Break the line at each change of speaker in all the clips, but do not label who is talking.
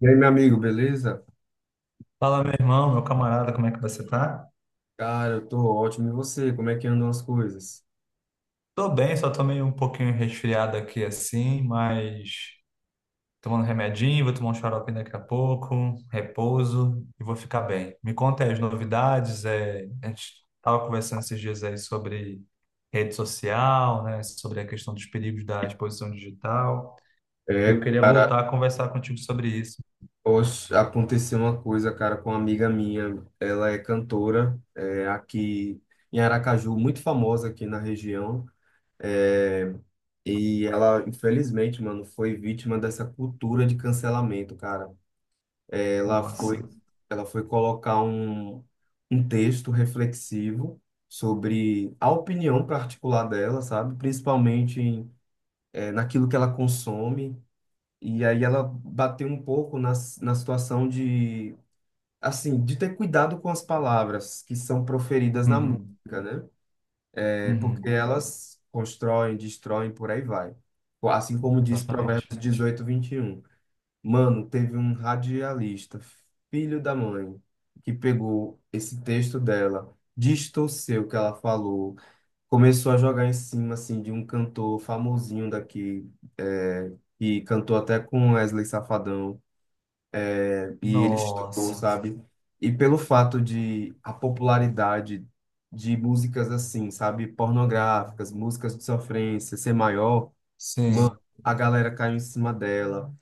E aí, meu amigo, beleza?
Fala, meu irmão, meu camarada, como é que você tá?
Cara, eu tô ótimo. E você? Como é que andam as coisas?
Tô bem, só tô meio um pouquinho resfriado aqui assim, mas tomando remedinho, vou tomar um xarope daqui a pouco, repouso e vou ficar bem. Me conta aí as novidades, a gente tava conversando esses dias aí sobre rede social, né, sobre a questão dos perigos da exposição digital, e eu
É,
queria
cara,
voltar a conversar contigo sobre isso.
hoje aconteceu uma coisa, cara, com uma amiga minha. Ela é cantora, aqui em Aracaju, muito famosa aqui na região. É, e ela, infelizmente, mano, foi vítima dessa cultura de cancelamento, cara. Ela foi,
Nossa.
ela foi colocar um texto reflexivo sobre a opinião particular dela, sabe? Principalmente em naquilo que ela consome. E aí ela bateu um pouco na situação de, assim, de ter cuidado com as palavras que são proferidas na
Uhum,
música, né? É porque
uhum.
elas constroem, destroem, por aí vai. Assim como diz
Exatamente.
Provérbios 18:21. Mano, teve um radialista, filho da mãe, que pegou esse texto dela, distorceu o que ela falou, começou a jogar em cima assim de um cantor famosinho daqui, é, que cantou até com Wesley Safadão, né? E ele estourou,
Nossa.
sabe? E pelo fato de a popularidade de músicas assim, sabe, pornográficas, músicas de sofrência ser maior, ma-
Sim,
a galera caiu em cima dela.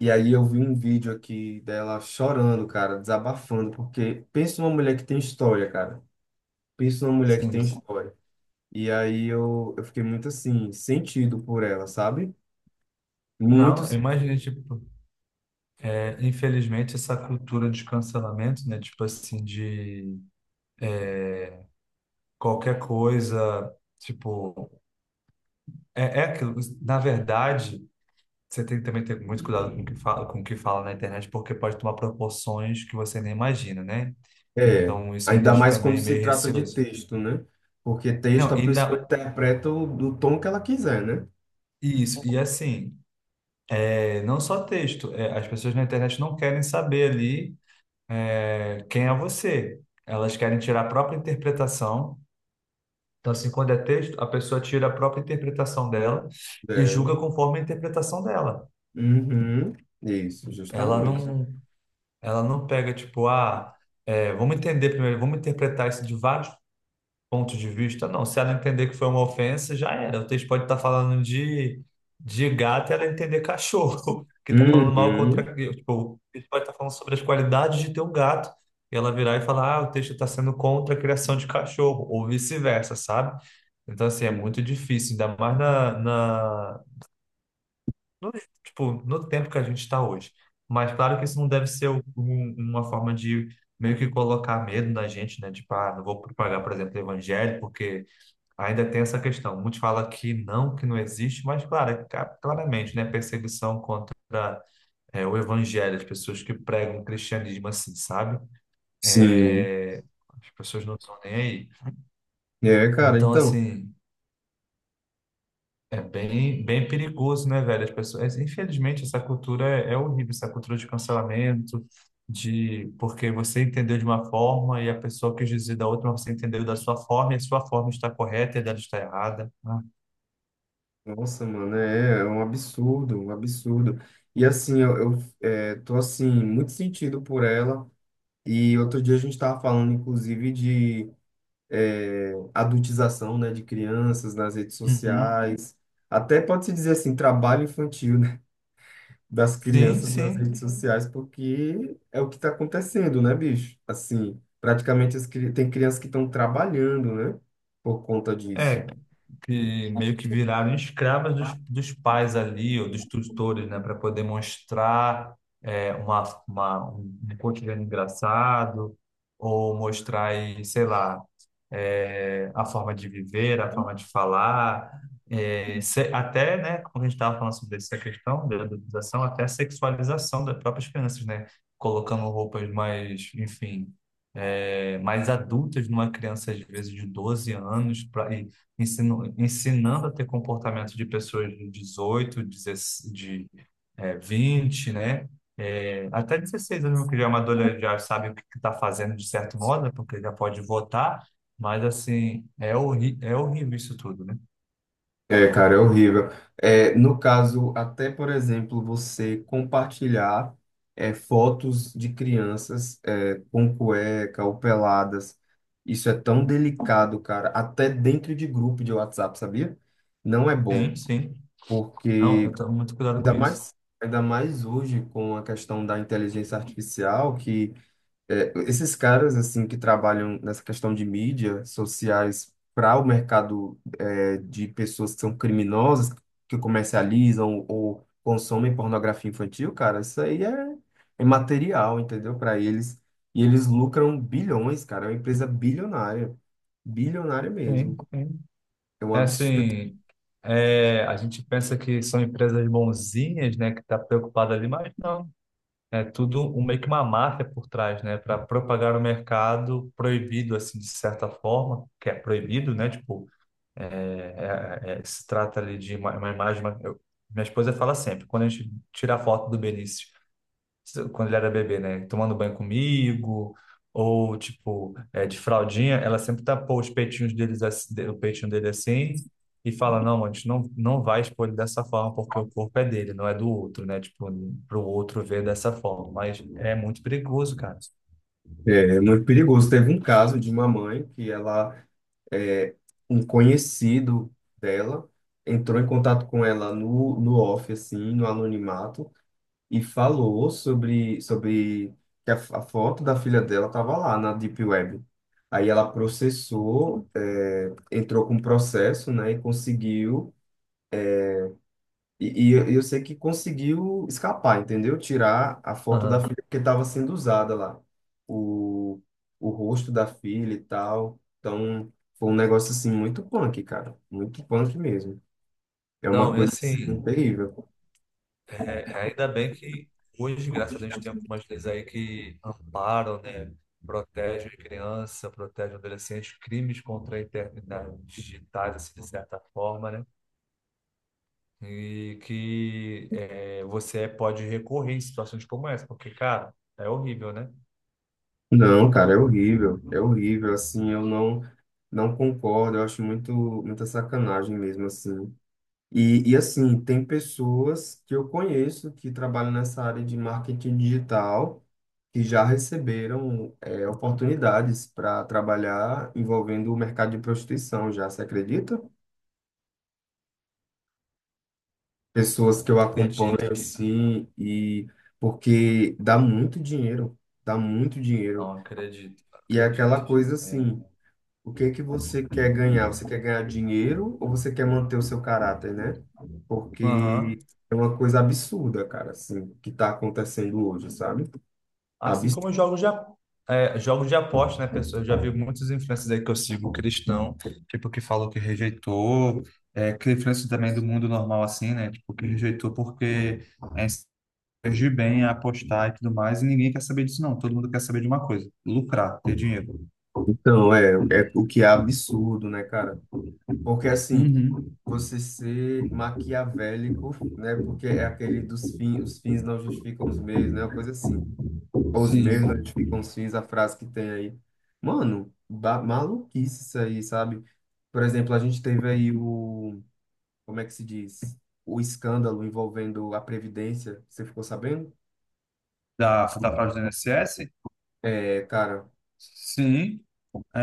E aí eu vi um vídeo aqui dela chorando, cara, desabafando, porque pensa numa mulher que tem história, cara. Pensa numa mulher que tem
sim.
história. E aí eu fiquei muito assim, sentido por ela, sabe? Muito,
Não,
sen-
imagina, tipo, infelizmente essa cultura de cancelamento, né? Tipo assim, de qualquer coisa, tipo, é aquilo. Na verdade, você tem que também ter muito cuidado com o que fala, com o que fala na internet, porque pode tomar proporções que você nem imagina, né?
É,
Então, isso me
ainda
deixa
mais quando
também
se
meio
trata de
receoso.
texto, né? Porque texto
Não,
a pessoa
ainda
interpreta do tom que ela quiser, né?
isso. E assim, não só texto, as pessoas na internet não querem saber ali, quem é você. Elas querem tirar a própria interpretação. Então, assim, quando é texto, a pessoa tira a própria interpretação dela e julga
Dela.
conforme a interpretação dela.
Uhum. Isso,
Ela
justamente.
não, ela não pega, tipo, ah, vamos entender primeiro, vamos interpretar isso de vários ponto de vista, não. Se ela entender que foi uma ofensa, já era. O texto pode estar falando de gato e ela entender cachorro, que está falando mal contra.
Uhum.
Tipo, o texto pode estar falando sobre as qualidades de ter um gato. E ela virar e falar, ah, o texto está sendo contra a criação de cachorro, ou vice-versa, sabe? Então, assim, é muito difícil, ainda mais tipo, no tempo que a gente está hoje. Mas claro que isso não deve ser uma forma de meio que colocar medo na gente, né? Tipo, ah, não vou propagar, por exemplo, o evangelho, porque ainda tem essa questão. Muitos falam que não existe, mas claro, claramente, né, perseguição contra o evangelho, as pessoas que pregam o cristianismo assim, sabe?
Sim.
É, as pessoas não estão nem aí.
É, cara,
Então,
então,
assim, é bem, bem perigoso, né, velho? As pessoas, infelizmente, essa cultura é horrível, essa cultura de cancelamento, de porque você entendeu de uma forma e a pessoa quis dizer da outra, mas você entendeu da sua forma e a sua forma está correta e a dela está errada. Ah,
nossa, mano, é, é um absurdo, um absurdo. E assim, eu tô assim, muito sentido por ela. E outro dia a gente tava falando, inclusive, de adultização, né, de crianças nas redes
uhum.
sociais, até pode-se dizer assim, trabalho infantil, né, das
Sim,
crianças nas
sim.
redes sociais, porque é o que está acontecendo, né, bicho? Assim, praticamente tem crianças que estão trabalhando, né, por conta disso.
É, que meio que viraram escravas dos pais ali, ou dos tutores, né, para poder mostrar uma, um cotidiano engraçado, ou mostrar, aí, sei lá, a forma de viver, a forma de falar, até, né, como a gente estava falando sobre essa questão da adultização, até a sexualização das próprias crianças, né, colocando roupas mais, enfim, mais adultas numa criança, às vezes, de 12 anos, pra, e ensino, ensinando a ter comportamento de pessoas de 18, 16, de, 20, né, até 16 anos, que já é uma adolescente, já sabe o que está fazendo de certo modo, né, porque já pode votar, mas assim, é, horri é horrível isso tudo, né?
É, cara, é horrível. É, no caso, até por exemplo, você compartilhar fotos de crianças, é, com cueca ou peladas, isso é tão delicado, cara, até dentro de grupo de WhatsApp, sabia? Não é
Sim,
bom,
sim. Não,
porque
eu tomo muito cuidado com
ainda
isso.
mais, ainda mais hoje com a questão da inteligência artificial, que esses caras assim que trabalham nessa questão de mídia sociais para o mercado, é, de pessoas que são criminosas, que comercializam ou consomem pornografia infantil, cara, isso aí é, é material, entendeu? Para eles. E eles lucram bilhões, cara. É uma empresa bilionária. Bilionária mesmo.
Sim, sim.
É um
É
absurdo.
assim, a gente pensa que são empresas bonzinhas, né, que tá preocupada ali, mas não. É tudo um, meio que uma máfia por trás, né, para propagar o mercado proibido, assim, de certa forma, que é proibido, né, tipo, se trata ali de uma imagem. Minha esposa fala sempre, quando a gente tira a foto do Benício quando ele era bebê, né? Tomando banho comigo, ou tipo, de fraldinha, ela sempre tapou os peitinhos deles, o peitinho dele assim, e fala, não, a gente não, não vai expor ele dessa forma, porque o corpo é dele, não é do outro, né? Tipo, pro outro ver dessa forma. Mas é muito perigoso, cara.
É, é muito perigoso. Teve um caso de uma mãe que ela, é, um conhecido dela, entrou em contato com ela no off, assim, no anonimato, e falou sobre que a foto da filha dela estava lá na Deep Web. Aí ela processou, é, entrou com processo, né, e conseguiu. E eu sei que conseguiu escapar, entendeu? Tirar a foto da
Aham.
filha porque estava sendo usada lá. O, o rosto da filha e tal. Então, foi um negócio assim muito punk, cara. Muito punk mesmo. É uma
Não, é
coisa assim,
assim.
terrível.
É, ainda bem que hoje, graças a Deus, tem algumas leis aí que amparam, né? Protegem criança, protegem adolescentes, crimes contra a eternidade digitais, assim, de certa forma, né? E que é, você pode recorrer em situações como essa, porque, cara, é horrível, né?
Não, cara, é horrível. É horrível, assim, eu não não concordo. Eu acho muito muita sacanagem mesmo assim. E assim, tem pessoas que eu conheço que trabalham nessa área de marketing digital que já receberam, é, oportunidades para trabalhar envolvendo o mercado de prostituição, já se acredita? Pessoas que eu
Acredito.
acompanho assim e porque dá muito dinheiro, dá muito dinheiro.
Não, acredito,
E é
acredito.
aquela coisa
É.
assim, o que que você quer ganhar? Você quer ganhar dinheiro ou você quer manter o seu caráter, né?
Aham.
Porque é uma coisa absurda, cara, assim, que está acontecendo hoje, sabe?
Assim
Absurdo.
como jogos de, jogos de aposta, né, pessoal? Eu já vi muitas influências aí que eu sigo cristão, tipo, que falou que rejeitou, que influencers também do mundo normal, assim, né? Tipo, que rejeitou porque é, surgiu bem a apostar e tudo mais, e ninguém quer saber disso, não. Todo mundo quer saber de uma coisa: lucrar, ter dinheiro.
Então, é, é o que é absurdo, né, cara? Porque, assim,
Uhum.
você ser maquiavélico, né? Porque é aquele dos fins, os fins não justificam os meios, né? Uma coisa assim. Ou os meios não
Sim.
justificam os fins, a frase que tem aí. Mano, maluquice isso aí, sabe? Por exemplo, a gente teve aí o como é que se diz? O escândalo envolvendo a Previdência, você ficou sabendo?
Da fraude do INSS?
É, cara,
Sim,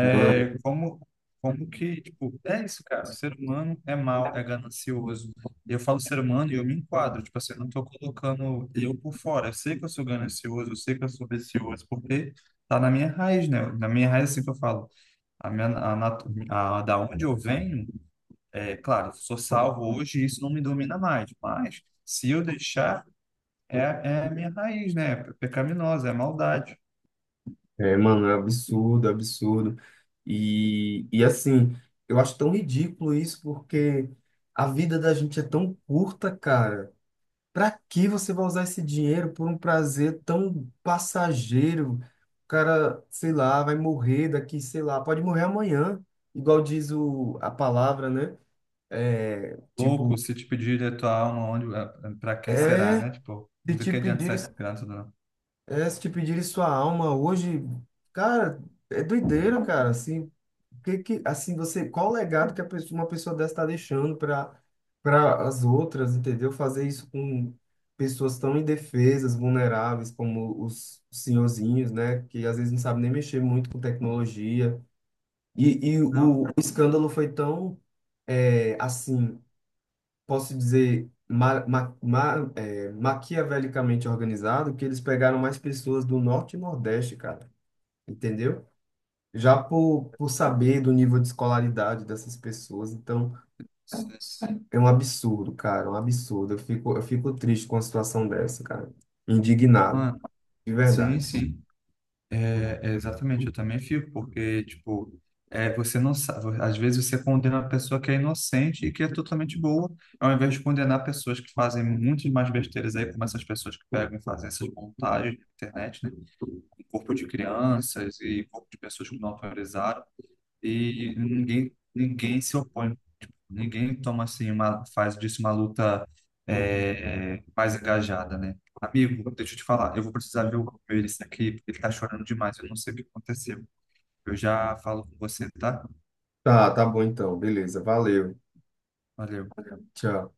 mano,
como que, tipo, é isso, cara. O ser humano é mau, é ganancioso. Eu falo ser humano e eu me enquadro. Tipo assim, eu não tô colocando eu por fora. Eu sei que eu sou ganancioso, eu sei que eu sou vicioso, porque tá na minha raiz, né? Na minha raiz, assim que eu falo. A minha, a, natu- a, da onde eu venho, é claro, eu sou salvo hoje e isso não me domina mais. Mas, se eu deixar, é a minha raiz, né? É pecaminosa, é maldade.
mano, é absurdo, absurdo. E assim, eu acho tão ridículo isso, porque a vida da gente é tão curta, cara. Pra que você vai usar esse dinheiro por um prazer tão passageiro? O cara, sei lá, vai morrer daqui, sei lá, pode morrer amanhã, igual diz o, a palavra, né? É, tipo,
Louco, se te pedir a tua alma, onde, para quem será,
é,
né? Tipo,
se
do
te
que adianta
pedirem
ser grato, não?
É, se te pedirem sua alma hoje, cara, é doideira, cara. Assim, que, assim você, qual o legado que a pessoa- uma pessoa dessa está deixando para para as outras, entendeu? Fazer isso com pessoas tão indefesas, vulneráveis, como os senhorzinhos, né? Que às vezes não sabem nem mexer muito com tecnologia. E
Não,
o escândalo foi tão, é, assim posso dizer, é, maquiavelicamente organizado, que eles pegaram mais pessoas do norte e nordeste, cara, entendeu? Já por saber do nível de escolaridade dessas pessoas, então
se-
é um absurdo, cara, é um absurdo. Eu fico triste com a situação dessa, cara. Indignado,
mano,
de
sim,
verdade.
sim. É, é exatamente, eu também fico, porque, tipo, você não sabe, às vezes você condena a pessoa que é inocente e que é totalmente boa, ao invés de condenar pessoas que fazem muitas mais besteiras aí, como essas pessoas que pegam e fazem essas montagens na internet, né? Corpo de crianças e corpo de pessoas que não autorizaram, e ninguém se opõe. Ninguém toma assim uma, faz disso uma luta mais engajada, né? Amigo, deixa eu te falar, eu vou precisar ver o meu aqui, porque ele tá chorando demais, eu não sei o que aconteceu. Eu já falo com você, tá?
Tá, tá bom então, beleza, valeu,
Valeu.
tchau.